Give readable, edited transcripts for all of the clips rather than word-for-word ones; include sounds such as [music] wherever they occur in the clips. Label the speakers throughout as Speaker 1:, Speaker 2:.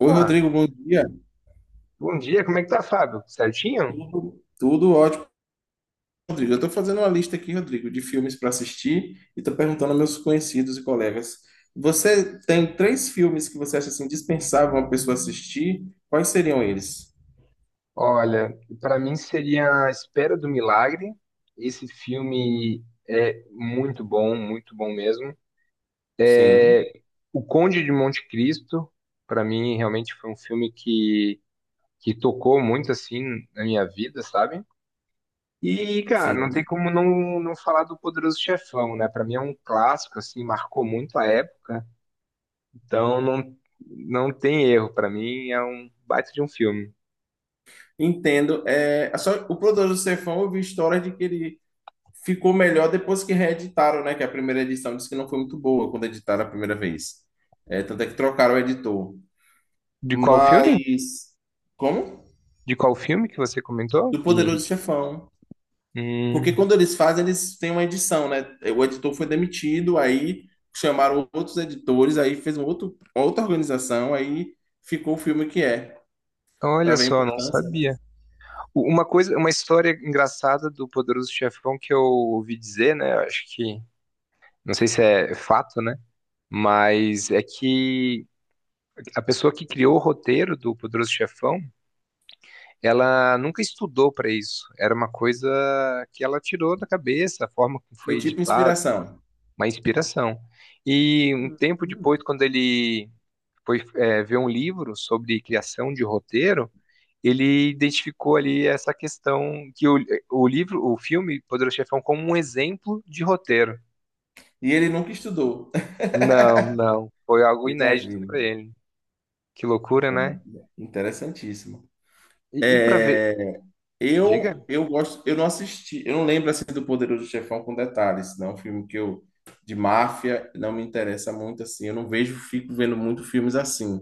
Speaker 1: Oi,
Speaker 2: Opa,
Speaker 1: Rodrigo, bom dia.
Speaker 2: bom dia, como é que tá, Fábio? Certinho?
Speaker 1: Tudo ótimo, Rodrigo. Eu estou fazendo uma lista aqui, Rodrigo, de filmes para assistir e estou perguntando aos meus conhecidos e colegas. Você tem três filmes que você acha assim dispensável uma pessoa assistir? Quais seriam eles?
Speaker 2: Olha, pra mim seria A Espera do Milagre. Esse filme é muito bom mesmo.
Speaker 1: Sim,
Speaker 2: O Conde de Monte Cristo, pra mim realmente foi um filme que tocou muito assim na minha vida, sabe? E, cara, não tem
Speaker 1: sim.
Speaker 2: como não, não falar do Poderoso Chefão, né? Pra mim é um clássico assim, marcou muito a época. Então não não tem erro, pra mim é um baita de um filme.
Speaker 1: Entendo. É, só, o Poderoso do Chefão, eu vi história de que ele ficou melhor depois que reeditaram, né? Que a primeira edição disse que não foi muito boa quando editaram a primeira vez. É, tanto é que trocaram o editor.
Speaker 2: De qual filme?
Speaker 1: Mas. Como?
Speaker 2: De qual filme que você comentou?
Speaker 1: Do Poderoso Chefão. Porque
Speaker 2: Hum,
Speaker 1: quando eles fazem, eles têm uma edição, né? O editor foi demitido, aí chamaram outros editores, aí fez um outro, outra organização, aí ficou o filme que é,
Speaker 2: então, olha
Speaker 1: para ver a
Speaker 2: só, não
Speaker 1: importância, né?
Speaker 2: sabia. Uma coisa, uma história engraçada do Poderoso Chefão que eu ouvi dizer, né? eu Acho que, não sei se é fato, né? Mas é que a pessoa que criou o roteiro do Poderoso Chefão, ela nunca estudou para isso. Era uma coisa que ela tirou da cabeça, a forma como foi
Speaker 1: Foi tipo
Speaker 2: editado
Speaker 1: inspiração.
Speaker 2: uma inspiração. E um tempo depois, quando ele foi ver um livro sobre criação de roteiro, ele identificou ali essa questão que o livro, o filme Poderoso Chefão como um exemplo de roteiro.
Speaker 1: E ele nunca estudou.
Speaker 2: Não, não, foi algo
Speaker 1: [laughs]
Speaker 2: inédito
Speaker 1: Imagina.
Speaker 2: para ele. Que loucura, né?
Speaker 1: Interessantíssimo.
Speaker 2: E para ver,
Speaker 1: É,
Speaker 2: diga.
Speaker 1: eu gosto, eu não assisti, eu não lembro assim do Poderoso Chefão com detalhes, não, é um filme que eu de máfia não me interessa muito assim, eu não vejo, fico vendo muito filmes assim.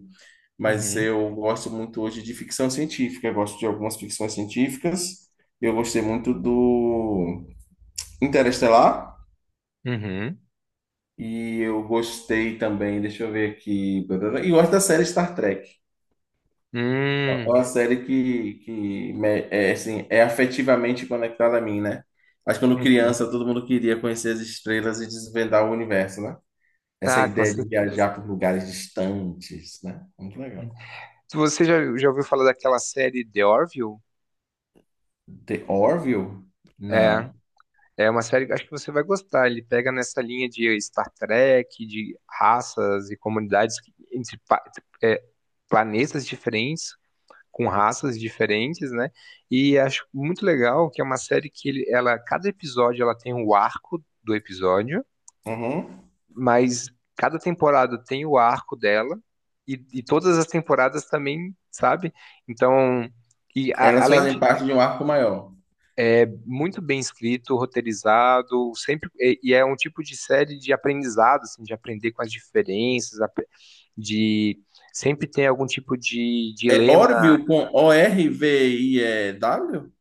Speaker 1: Mas
Speaker 2: Uhum,
Speaker 1: eu gosto muito hoje de ficção científica, eu gosto de algumas ficções científicas. Eu gostei muito do Interestelar
Speaker 2: uhum,
Speaker 1: e eu gostei também, deixa eu ver aqui, e eu gosto da série Star Trek. É
Speaker 2: hum,
Speaker 1: uma série que é, assim, é afetivamente conectada a mim, né? Acho que quando
Speaker 2: uhum.
Speaker 1: criança todo mundo queria conhecer as estrelas e desvendar o universo, né? Essa
Speaker 2: Ah, com
Speaker 1: ideia de
Speaker 2: certeza.
Speaker 1: viajar por lugares distantes, né? Muito legal.
Speaker 2: Se Você já ouviu falar daquela série The Orville?
Speaker 1: The Orville?
Speaker 2: é
Speaker 1: Não.
Speaker 2: É uma série que eu acho que você vai gostar. Ele pega nessa linha de Star Trek, de raças e comunidades entre é, planetas diferentes, com raças diferentes, né? E acho muito legal que é uma série que ela, cada episódio ela tem o arco do episódio,
Speaker 1: Uhum.
Speaker 2: mas cada temporada tem o arco dela e todas as temporadas também, sabe? Então,
Speaker 1: Elas
Speaker 2: além
Speaker 1: fazem
Speaker 2: de
Speaker 1: parte de um arco maior.
Speaker 2: muito bem escrito, roteirizado, sempre e é um tipo de série de aprendizado, assim, de aprender com as diferenças, de sempre tem algum tipo de
Speaker 1: É
Speaker 2: dilema,
Speaker 1: Orville com Orview?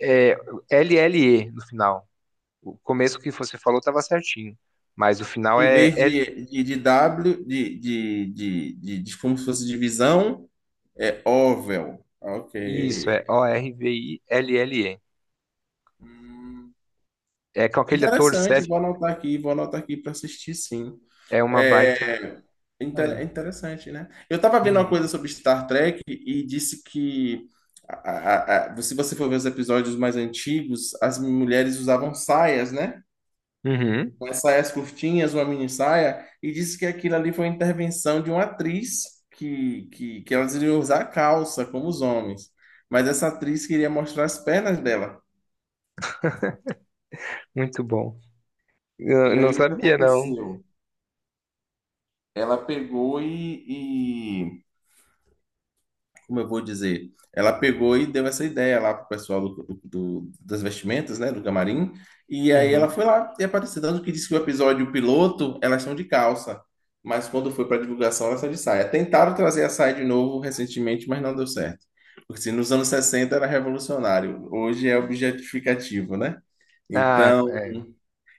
Speaker 2: é, LLE no final. O começo que você falou estava certinho, mas o final
Speaker 1: Em
Speaker 2: é
Speaker 1: vez
Speaker 2: L,
Speaker 1: de W, de como se fosse divisão, é Orville.
Speaker 2: isso,
Speaker 1: Ok.
Speaker 2: é O-R-V-I-L-L-E.
Speaker 1: Hum.
Speaker 2: É com aquele ator
Speaker 1: Interessante,
Speaker 2: Seth,
Speaker 1: vou anotar aqui para assistir, sim.
Speaker 2: é uma baita
Speaker 1: É, inter-
Speaker 2: série.
Speaker 1: é interessante, né? Eu tava vendo uma coisa
Speaker 2: Uhum.
Speaker 1: sobre Star Trek e disse que se você for ver os episódios mais antigos, as mulheres usavam saias, né?
Speaker 2: Uhum.
Speaker 1: Umas saias curtinhas, uma mini saia, e disse que aquilo ali foi uma intervenção de uma atriz que elas iriam usar calça, como os homens. Mas essa atriz queria mostrar as pernas dela.
Speaker 2: Muito bom. Eu
Speaker 1: E
Speaker 2: não
Speaker 1: aí o que
Speaker 2: sabia, não.
Speaker 1: aconteceu? Ela pegou, como eu vou dizer? Ela pegou e deu essa ideia lá pro pessoal do, do- das vestimentas, né, do camarim. E aí ela
Speaker 2: Uhum.
Speaker 1: foi lá e apareceu, tanto que disse que o episódio piloto, elas são de calça, mas quando foi para divulgação, elas são de saia. Tentaram trazer a saia de novo recentemente, mas não deu certo. Porque se nos anos 60 era revolucionário, hoje é objetificativo, né?
Speaker 2: Ah,
Speaker 1: Então,
Speaker 2: é.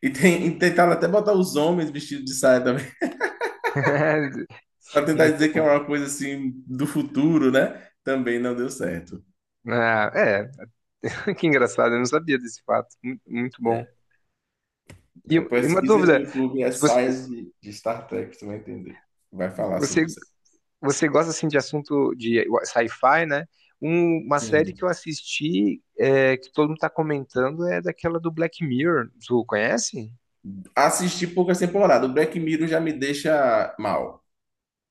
Speaker 1: e tentaram até botar os homens vestidos de saia
Speaker 2: [laughs]
Speaker 1: para tentar
Speaker 2: Muito
Speaker 1: dizer que é
Speaker 2: bom.
Speaker 1: uma coisa assim do futuro, né? Também não deu certo.
Speaker 2: Ah, é, [laughs] que engraçado, eu não sabia desse fato. Muito bom.
Speaker 1: É, é,
Speaker 2: E uma
Speaker 1: pesquisa no
Speaker 2: dúvida,
Speaker 1: YouTube,
Speaker 2: você,
Speaker 1: ensaios de Star Trek, você vai entender. Vai falar
Speaker 2: você,
Speaker 1: sobre isso.
Speaker 2: você gosta assim de assunto de sci-fi, né? Um- uma série que eu
Speaker 1: Sim.
Speaker 2: assisti, é, que todo mundo tá comentando, é daquela do Black Mirror. Tu conhece?
Speaker 1: Assisti poucas temporadas. O Black Mirror já me deixa mal.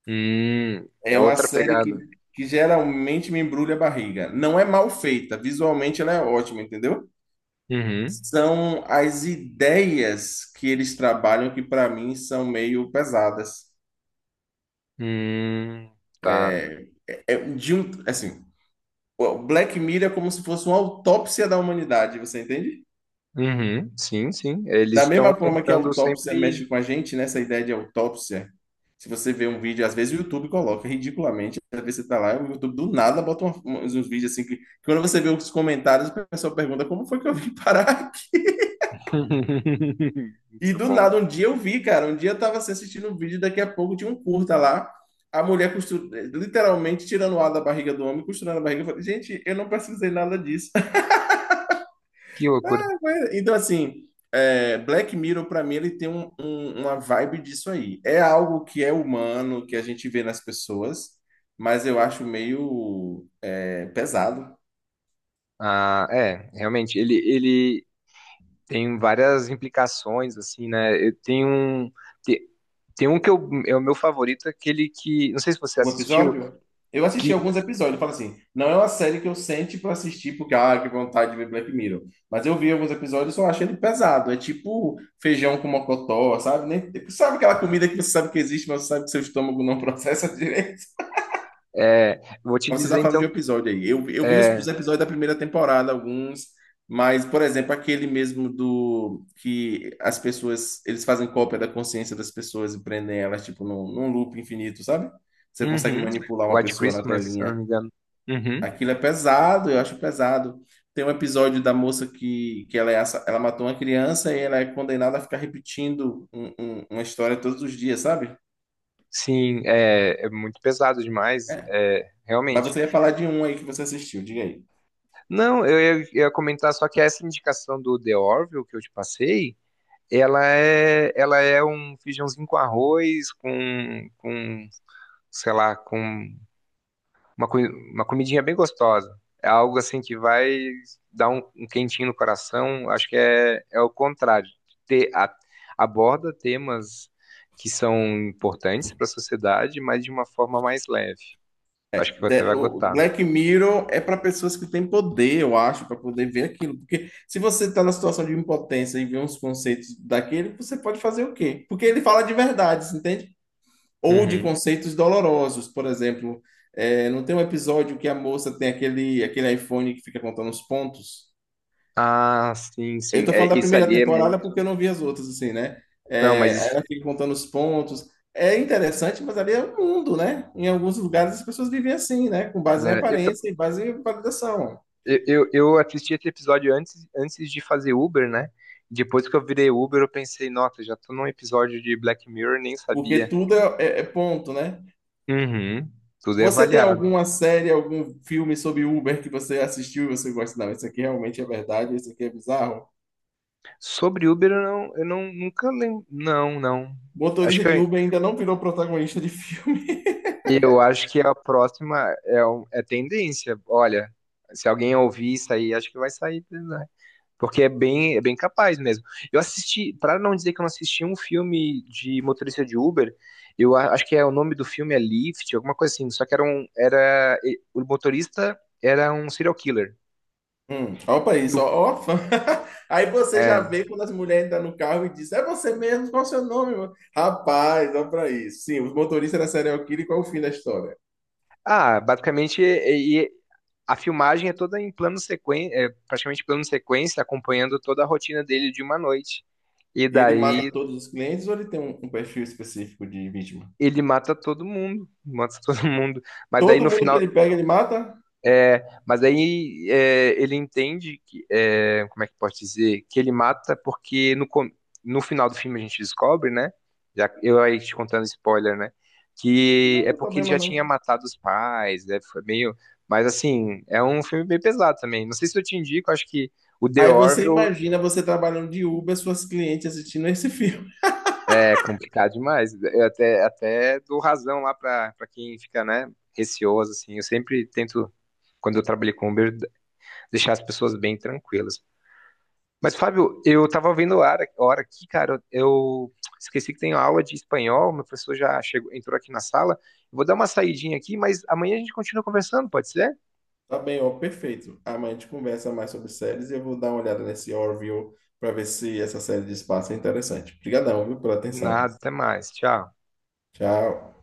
Speaker 2: Hum, é
Speaker 1: É uma
Speaker 2: outra
Speaker 1: série
Speaker 2: pegada.
Speaker 1: que geralmente me embrulha a barriga. Não é mal feita, visualmente ela é ótima, entendeu?
Speaker 2: Uhum.
Speaker 1: São as ideias que eles trabalham que para mim são meio pesadas.
Speaker 2: Hum, tá.
Speaker 1: É, é, de um, assim, o Black Mirror é como se fosse uma autópsia da humanidade, você entende?
Speaker 2: Uhum, sim, sim. Eles
Speaker 1: Da
Speaker 2: estão
Speaker 1: mesma forma que a
Speaker 2: tentando
Speaker 1: autópsia
Speaker 2: sempre.
Speaker 1: mexe com a gente, nessa ideia de autópsia, se você vê um vídeo, às vezes o YouTube coloca ridiculamente, às vezes você tá lá, o YouTube do nada bota uns vídeos assim que quando você vê os comentários, o pessoal pergunta como foi que eu vim parar? [laughs]
Speaker 2: [laughs]
Speaker 1: E
Speaker 2: Muito
Speaker 1: do
Speaker 2: bom.
Speaker 1: nada, um dia eu vi, cara, um dia eu tava assim, assistindo um vídeo, daqui a pouco tinha um curta lá, a mulher costu- literalmente tirando o ar da barriga do homem, costurando a barriga. Eu falei, gente, eu não precisei nada disso.
Speaker 2: Que loucura.
Speaker 1: Mas, então, assim, Black Mirror, para mim, ele tem um- uma vibe disso aí. É algo que é humano, que a gente vê nas pessoas, mas eu acho meio pesado.
Speaker 2: Ah, é, realmente, ele tem várias implicações, assim, né? Eu tenho um. Tem, tem um que é o meu favorito, aquele que. Não sei se você
Speaker 1: O
Speaker 2: assistiu,
Speaker 1: episódio, eu assisti
Speaker 2: que.
Speaker 1: alguns episódios, eu falo assim, não é uma série que eu sente para assistir porque, ah, que vontade de ver Black Mirror. Mas eu vi alguns episódios e só achei ele pesado. É tipo feijão com mocotó, sabe? Nem, sabe aquela comida que você sabe que existe, mas você sabe que seu estômago não [laughs] processa.
Speaker 2: É, vou te
Speaker 1: Mas você tá
Speaker 2: dizer
Speaker 1: falando
Speaker 2: então.
Speaker 1: de um episódio aí. Eu vi os
Speaker 2: É,
Speaker 1: episódios da primeira temporada, alguns, mas, por exemplo, aquele mesmo do que as pessoas, eles fazem cópia da consciência das pessoas e prendem elas, tipo, num loop infinito, sabe? Você consegue
Speaker 2: uhum,
Speaker 1: manipular uma
Speaker 2: White
Speaker 1: pessoa na
Speaker 2: Christmas, se eu não
Speaker 1: telinha.
Speaker 2: me engano. Uhum.
Speaker 1: Aquilo é pesado, eu acho pesado. Tem um episódio da moça que ela matou uma criança e ela é condenada a ficar repetindo um- uma história todos os dias, sabe?
Speaker 2: Sim, é, é muito pesado demais, é,
Speaker 1: Mas
Speaker 2: realmente.
Speaker 1: você ia falar de um aí que você assistiu, diga aí.
Speaker 2: Não, eu ia comentar só que essa indicação do The Orville que eu te passei, ela é um feijãozinho com arroz, com sei lá, com uma, uma comidinha bem gostosa. É algo assim que vai dar um, um quentinho no coração. Acho que é, é o contrário. Ter, a- aborda temas que são importantes para a sociedade, mas de uma forma mais leve.
Speaker 1: É,
Speaker 2: Acho que você vai
Speaker 1: O
Speaker 2: gostar.
Speaker 1: Black Mirror é para pessoas que têm poder, eu acho, para poder ver aquilo. Porque se você está na situação de impotência e vê uns conceitos daquele, você pode fazer o quê? Porque ele fala de verdades, entende? Ou de
Speaker 2: Uhum.
Speaker 1: conceitos dolorosos, por exemplo. É, não tem um episódio que a moça tem aquele, aquele iPhone que fica contando os pontos?
Speaker 2: Ah, sim,
Speaker 1: Eu
Speaker 2: sim.
Speaker 1: tô
Speaker 2: É,
Speaker 1: falando da
Speaker 2: isso
Speaker 1: primeira
Speaker 2: ali é
Speaker 1: temporada
Speaker 2: muito.
Speaker 1: porque eu não vi as outras, assim, né?
Speaker 2: Não, mas
Speaker 1: É, aí
Speaker 2: isso,
Speaker 1: ela fica contando os pontos. É interessante, mas ali é o mundo, né? Em alguns lugares as pessoas vivem assim, né? Com base em
Speaker 2: né,
Speaker 1: aparência e base em validação.
Speaker 2: Eu, eu assisti esse episódio antes, antes de fazer Uber, né? Depois que eu virei Uber, eu pensei, nossa, já tô num episódio de Black Mirror, nem
Speaker 1: Porque
Speaker 2: sabia.
Speaker 1: tudo é, é ponto, né?
Speaker 2: Uhum, tudo é
Speaker 1: Você tem
Speaker 2: avaliado.
Speaker 1: alguma série, algum filme sobre Uber que você assistiu e você gosta? Não, isso aqui realmente é verdade, isso aqui é bizarro.
Speaker 2: Sobre Uber, eu não nunca lembro. Não, não. Acho
Speaker 1: Motorista
Speaker 2: que
Speaker 1: de Uber ainda não virou protagonista de filme.
Speaker 2: eu acho que a próxima é, é tendência. Olha, se alguém ouvir isso aí, acho que vai sair, né? Porque é bem capaz mesmo. Eu assisti, para não dizer que eu não assisti um filme de motorista de Uber, eu acho que é o nome do filme é Lift, alguma coisa assim. Só que era um, o motorista era um serial killer.
Speaker 1: Opa
Speaker 2: E o-
Speaker 1: isso, ó, ó. [laughs] Aí você já
Speaker 2: é.
Speaker 1: vê quando as mulheres entram no carro e diz, é você mesmo, qual é o seu nome, mano? Rapaz, olha pra isso. Sim, o motorista era serial killer, qual é o fim da história?
Speaker 2: Basicamente a filmagem é toda em plano sequência, é praticamente plano sequência, acompanhando toda a rotina dele de uma noite. E
Speaker 1: E ele mata
Speaker 2: daí
Speaker 1: todos os clientes ou ele tem um perfil específico de vítima?
Speaker 2: ele mata todo mundo, mata todo [laughs] mundo. Mas daí
Speaker 1: Todo
Speaker 2: no
Speaker 1: mundo que
Speaker 2: final
Speaker 1: ele pega, ele mata?
Speaker 2: é, ele entende que, é, como é que pode dizer, que ele mata porque no final do filme a gente descobre, né? Já, eu aí te contando spoiler, né? Que
Speaker 1: Não
Speaker 2: é
Speaker 1: tem
Speaker 2: porque ele
Speaker 1: problema,
Speaker 2: já tinha
Speaker 1: não.
Speaker 2: matado os pais, né? Foi meio. Mas assim, é um filme bem pesado também. Não sei se eu te indico, acho que o The
Speaker 1: Aí você
Speaker 2: Orville
Speaker 1: imagina você trabalhando de Uber, suas clientes assistindo esse [laughs] filme.
Speaker 2: é complicado demais. Eu até, até dou razão lá pra quem fica, né, receoso, assim. Eu sempre tento, quando eu trabalhei com Uber, deixar as pessoas bem tranquilas. Mas, Fábio, eu tava vendo a hora aqui, cara, eu esqueci que tenho aula de espanhol, meu professor já chegou, entrou aqui na sala. Vou dar uma saidinha aqui, mas amanhã a gente continua conversando, pode ser?
Speaker 1: Tá bem, ó, perfeito. Amanhã a gente conversa mais sobre séries e eu vou dar uma olhada nesse Orville para ver se essa série de espaço é interessante. Obrigadão, viu, pela atenção.
Speaker 2: Nada, até mais. Tchau.
Speaker 1: Tchau.